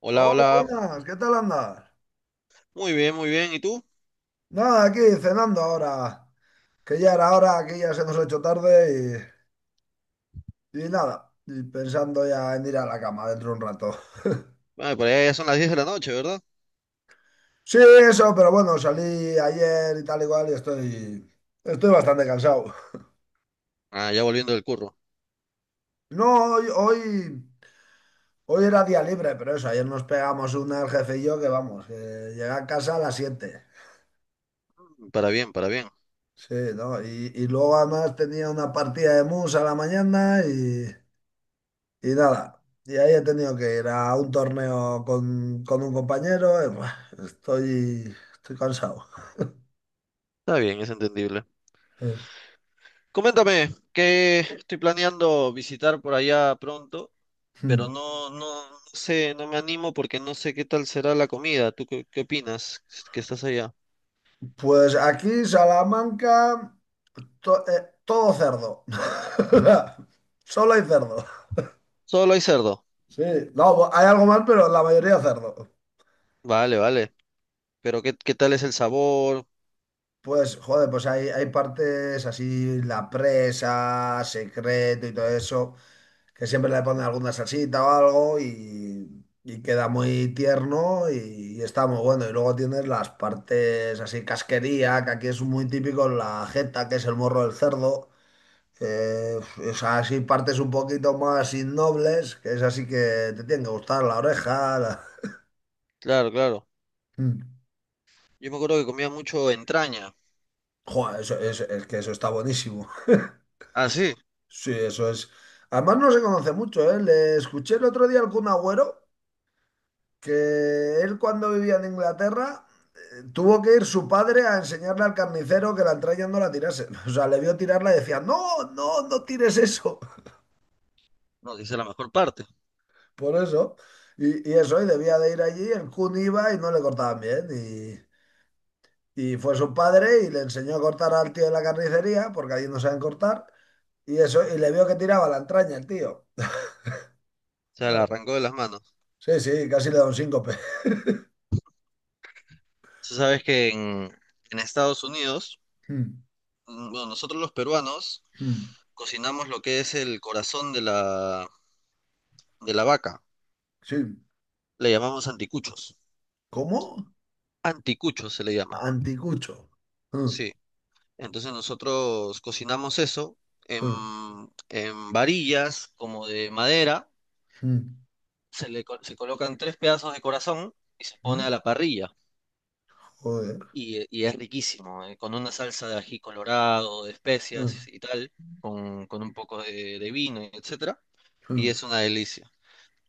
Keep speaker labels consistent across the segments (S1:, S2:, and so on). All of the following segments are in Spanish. S1: Hola,
S2: Hola,
S1: hola.
S2: buenas, ¿qué tal andas?
S1: Muy bien, muy bien. ¿Y tú?
S2: Nada, aquí cenando ahora, que ya era hora, que ya se nos ha hecho tarde y nada, y pensando ya en ir a la cama dentro de un rato.
S1: Ah, por allá ya son las 10 de la noche, ¿verdad?
S2: Sí, eso, pero bueno, salí ayer y tal igual y cual y estoy bastante cansado.
S1: Ah, ya volviendo del curro.
S2: No, hoy era día libre, pero eso, ayer nos pegamos una el jefe y yo que vamos, que llegué a casa a las 7.
S1: Para bien, para bien.
S2: Sí, ¿no? Y luego además tenía una partida de mus a la mañana y. Y nada, y ahí he tenido que ir a un torneo con un compañero. Y, buah, estoy cansado.
S1: Está bien, es entendible.
S2: Eh,
S1: Coméntame, que estoy planeando visitar por allá pronto, pero
S2: hmm.
S1: no, no, no sé, no me animo porque no sé qué tal será la comida. ¿Tú qué opinas que estás allá?
S2: Pues aquí, Salamanca, todo cerdo. Solo hay cerdo.
S1: Solo hay cerdo.
S2: Sí, no, hay algo más, pero la mayoría cerdo.
S1: Vale, vale. Pero ¿qué tal es el sabor?
S2: Pues, joder, pues hay partes así, la presa, secreto y todo eso, que siempre le ponen alguna salsita o algo y queda muy tierno y está muy bueno. Y luego tienes las partes así casquería, que aquí es muy típico la jeta, que es el morro del cerdo, que es así partes un poquito más innobles, que es así que te tienen que gustar la oreja.
S1: Claro, claro.
S2: Mm.
S1: Yo me acuerdo que comía mucho entraña.
S2: Joder, es que eso está buenísimo.
S1: Ah, sí.
S2: Sí, eso es. Además no se conoce mucho, ¿eh? Le escuché el otro día al Kun Agüero que él cuando vivía en Inglaterra, tuvo que ir su padre a enseñarle al carnicero que la entraña no la tirase. O sea, le vio tirarla y decía, no, no, no tires eso.
S1: No, que esa es la mejor parte. O
S2: Por eso. Y eso, y debía de ir allí, el Kun iba y no le cortaban bien. Y fue su padre y le enseñó a cortar al tío de la carnicería, porque allí no saben cortar. Y eso, y le vio que tiraba la entraña el tío.
S1: sea, la arrancó de las manos.
S2: Sí, sí, casi le da un síncope.
S1: Tú sabes que en Estados Unidos,
S2: Mm,
S1: bueno, nosotros los peruanos
S2: mm,
S1: cocinamos lo que es el corazón de la vaca.
S2: sí.
S1: Le llamamos anticuchos.
S2: ¿Cómo?
S1: Anticuchos se le llama,
S2: Anticucho. Mm,
S1: sí. Entonces nosotros cocinamos eso en,
S2: mm.
S1: en varillas como de madera.
S2: Hı,
S1: Se colocan tres pedazos de corazón y se pone
S2: hı.
S1: a la parrilla.
S2: Joder.
S1: Y es riquísimo, con una salsa de ají colorado, de
S2: Hı,
S1: especias y tal, con un poco de vino, etc. Y
S2: hı,
S1: es una delicia.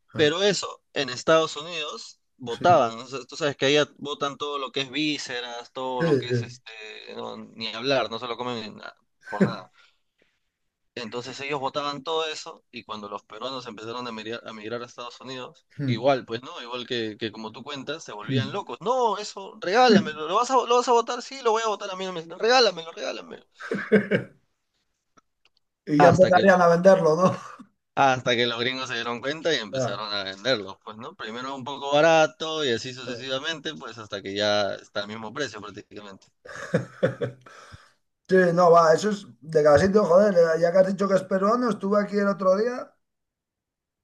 S2: hı.
S1: Pero eso, en Estados Unidos
S2: Sí,
S1: votaban, ¿no? O sea, tú sabes que allá votan todo lo que es vísceras, todo
S2: sí,
S1: lo que es
S2: sí.
S1: este, no, ni hablar, no se lo comen ni nada, por nada. Entonces ellos votaban todo eso y cuando los peruanos empezaron a migrar a Estados Unidos,
S2: Hı,
S1: igual, pues no, igual que como tú cuentas, se
S2: hı.
S1: volvían locos. No, eso, regálamelo, ¿lo vas a votar? Sí, lo voy a votar a mí, no me- regálamelo, regálamelo.
S2: Y ya
S1: Hasta que los
S2: empezarían a venderlo, ¿no?
S1: Hasta que los gringos se dieron cuenta y
S2: Ya,
S1: empezaron a venderlos, pues, ¿no? Primero un poco barato y así
S2: ya.
S1: sucesivamente, pues hasta que ya está al mismo precio prácticamente.
S2: Sí, no, va, eso es de cada sitio, joder, ya que has dicho que es peruano, estuve aquí el otro día,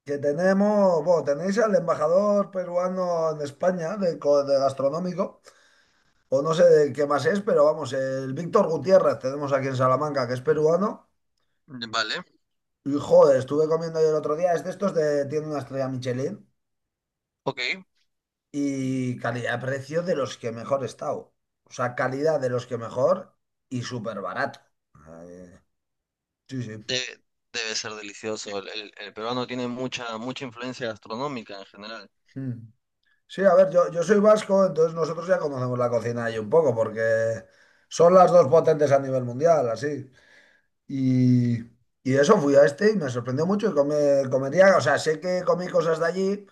S2: que tenemos, bueno, tenéis al embajador peruano en España de gastronómico, o no sé de qué más es, pero vamos, el Víctor Gutiérrez tenemos aquí en Salamanca, que es peruano,
S1: Vale,
S2: y joder, estuve comiendo yo el otro día, es de estos tiene una estrella Michelin.
S1: ok.
S2: Y calidad-precio de los que mejor he estado. O sea, calidad de los que mejor, y súper barato. Eh, sí, sí.
S1: De- debe ser delicioso. El peruano tiene mucha, mucha influencia gastronómica en general.
S2: Mm. Sí, a ver, yo soy vasco, entonces nosotros ya conocemos la cocina ahí un poco, porque son las dos potentes a nivel mundial, así. Y, y eso fui a este y me sorprendió mucho y comería. O sea, sé que comí cosas de allí,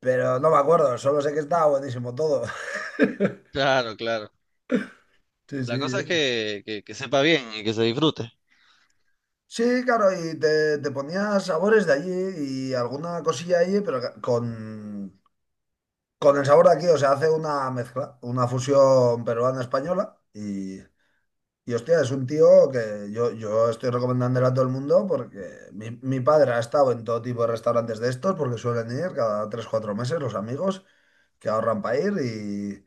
S2: pero no me acuerdo, solo sé que estaba buenísimo todo.
S1: Claro, claro.
S2: Sí,
S1: La cosa es
S2: sí.
S1: que sepa bien y que se disfrute.
S2: Sí, claro, y te ponía sabores de allí y alguna cosilla allí, pero con el sabor de aquí. O sea, hace una mezcla, una fusión peruana-española y hostia, es un tío que yo estoy recomendándole a todo el mundo porque mi padre ha estado en todo tipo de restaurantes de estos porque suelen ir cada tres cuatro meses los amigos que ahorran para ir,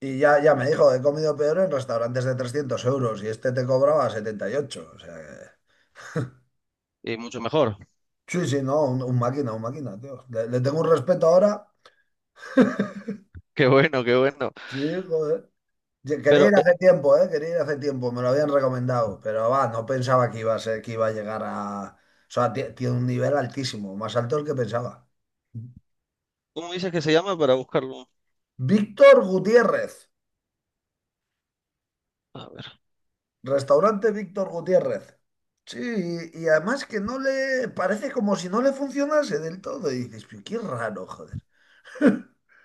S2: y ya me dijo, he comido peor en restaurantes de 300 euros y este te cobraba 78, o sea...
S1: Y mucho mejor.
S2: Sí, sí, no, un máquina, un máquina, tío. Le tengo un respeto ahora.
S1: Qué bueno, qué bueno.
S2: Sí, joder. Quería
S1: Pero,
S2: ir hace tiempo, ¿eh? Quería ir hace tiempo, me lo habían recomendado, pero va, no pensaba que iba a ser, que iba a llegar a... O sea, tiene un nivel altísimo, más alto del que pensaba.
S1: ¿cómo dices que se llama para buscarlo?
S2: Víctor Gutiérrez,
S1: A ver.
S2: restaurante Víctor Gutiérrez. Sí, y además que no le... Parece como si no le funcionase del todo. Y dices, pero qué raro, joder.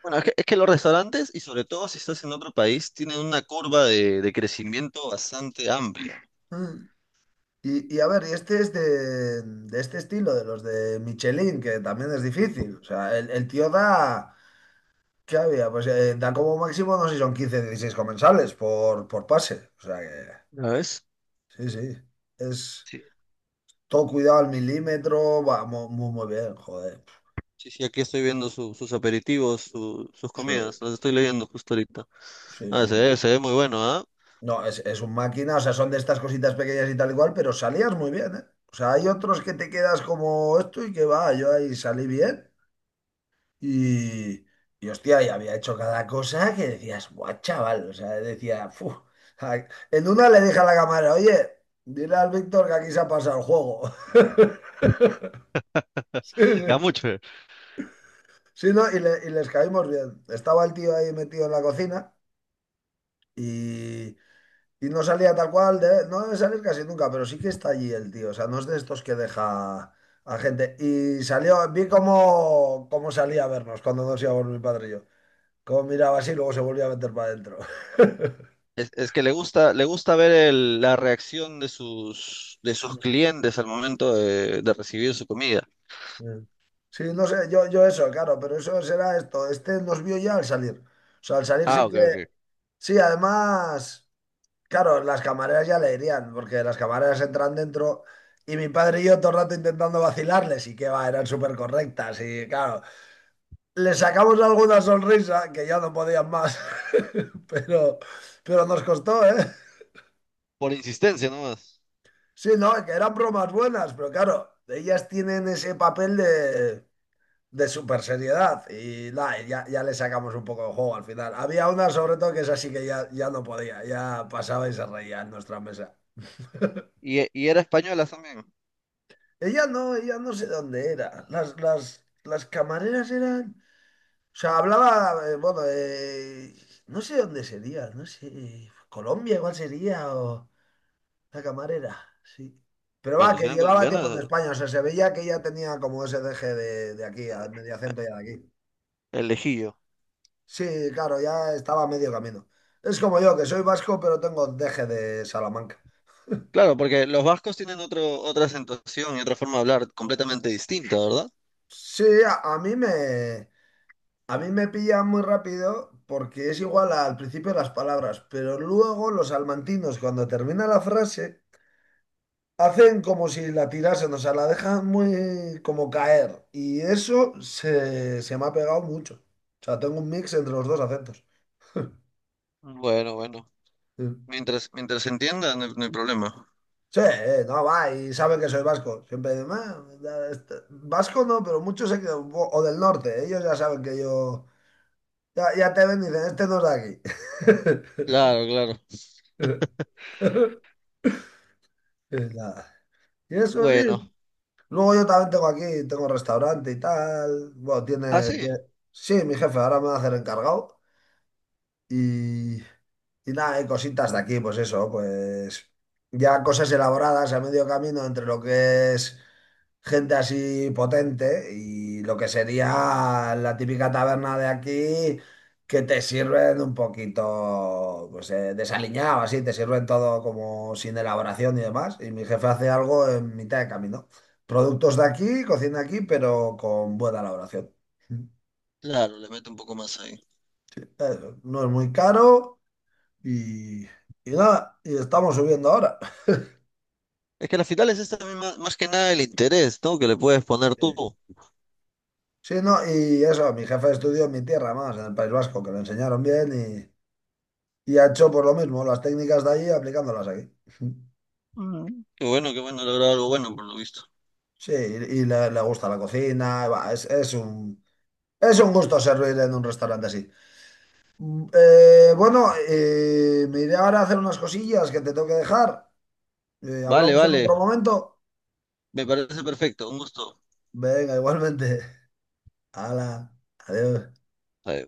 S1: Bueno, es que los restaurantes, y sobre todo si estás en otro país, tienen una curva de crecimiento bastante amplia.
S2: Mm. Y a ver, y este es de este estilo, de los de Michelin, que también es difícil. O sea, el tío da, ¿qué había? Pues da como máximo, no sé si son 15, 16 comensales por pase. O sea que,
S1: ¿La ves?
S2: sí, sí. Es
S1: Sí,
S2: todo cuidado al milímetro, va muy, muy bien, joder.
S1: sí, sí, aquí estoy viendo sus aperitivos, sus
S2: Sí,
S1: comidas, las estoy leyendo justo ahorita.
S2: sí,
S1: Ah, se
S2: sí.
S1: ve, se ve muy bueno, ¿ah?
S2: No, es un máquina. O sea, son de estas cositas pequeñas y tal igual, pero salías muy bien, ¿eh? O sea, hay otros que te quedas como esto y que va, yo ahí salí bien. Y, y hostia, y había hecho cada cosa que decías, guau, chaval. O sea, decía, "Fu". Ay, en una le dije a la cámara, oye, dile al Víctor que aquí se ha pasado el juego. Sí,
S1: Ya
S2: sí.
S1: mucho.
S2: Sí, no, y les caímos bien. Estaba el tío ahí metido en la cocina y, y no salía tal cual. No debe salir casi nunca, pero sí que está allí el tío. O sea, no es de estos que deja a gente. Y salió, vi cómo salía a vernos cuando nos íbamos mi padre y yo. Como miraba así, luego se volvía a meter para adentro.
S1: Es que le gusta ver la reacción de sus clientes al momento de recibir su comida.
S2: Sí, no sé, yo eso, claro, pero eso será esto. Este nos vio ya al salir. O sea, al salir
S1: Ah,
S2: sí
S1: ok,
S2: que.
S1: ok.
S2: Sí, además, claro, las camareras ya le irían, porque las camareras entran dentro y mi padre y yo todo el rato intentando vacilarles, y que va, eran súper correctas y claro, les sacamos alguna sonrisa que ya no podían más. pero, pero nos costó, ¿eh?
S1: Por insistencia nomás.
S2: Sí, no, que eran bromas buenas, pero claro, ellas tienen ese papel de super seriedad, y nada, ya le sacamos un poco de juego al final. Había una sobre todo que es así que ya no podía, ya pasaba y se reía en nuestra mesa.
S1: Y era española también.
S2: Ella no sé dónde era. Las camareras eran... O sea, hablaba, bueno, no sé dónde sería, no sé, Colombia igual sería o... La camarera, sí. Pero va,
S1: Bueno, si
S2: que
S1: eran
S2: llevaba tiempo en
S1: colombianas,
S2: España, o sea, se veía que ya tenía como ese deje de aquí, al medio acento ya de aquí.
S1: el lejillo.
S2: Sí, claro, ya estaba a medio camino. Es como yo, que soy vasco, pero tengo deje de Salamanca.
S1: Claro, porque los vascos tienen otro, otra acentuación y otra forma de hablar completamente distinta, ¿verdad?
S2: Sí, a mí me pilla muy rápido porque es igual al principio las palabras, pero luego los salmantinos, cuando termina la frase, hacen como si la tirasen, o sea, la dejan muy como caer. Y eso se me ha pegado mucho. O sea, tengo un mix entre los dos acentos.
S1: Bueno, bueno.
S2: Sí,
S1: Mientras se entienda, no hay problema.
S2: sí, no, va, y saben que soy vasco. Siempre dicen, "Ah, ya vasco no", pero muchos se quedan, o del norte", ellos ya saben que ya te ven y dicen, este no es de
S1: Claro, claro.
S2: aquí. Y nada. Y eso sí.
S1: Bueno.
S2: Luego yo también tengo aquí, tengo restaurante y tal. Bueno,
S1: Ah,
S2: tiene...
S1: sí.
S2: Sí, mi jefe ahora me va a hacer encargado. Y, y nada, hay cositas de aquí, pues eso, pues ya cosas elaboradas a medio camino entre lo que es gente así potente y lo que sería la típica taberna de aquí, que te sirven un poquito pues desaliñado, así, te sirven todo como sin elaboración y demás. Y mi jefe hace algo en mitad de camino. Productos de aquí, cocina aquí, pero con buena elaboración.
S1: Claro, le meto un poco más ahí.
S2: No es muy caro. Y, y nada, y estamos subiendo ahora.
S1: Es que al final es esta misma, más que nada el interés, ¿no? Que le puedes poner
S2: Sí,
S1: tú.
S2: sí, no, y eso, mi jefe estudió en mi tierra más, en el País Vasco, que lo enseñaron bien, y ha hecho por lo mismo, las técnicas de allí aplicándolas aquí.
S1: Mm. Qué bueno, lograr algo bueno, por lo visto.
S2: Sí, y le gusta la cocina, va, es un gusto servir en un restaurante así. Bueno, me iré ahora a hacer unas cosillas que te tengo que dejar.
S1: Vale,
S2: Hablamos en
S1: vale.
S2: otro momento.
S1: Me parece perfecto. Un gusto.
S2: Venga, igualmente. Hala, adiós.
S1: Ahí.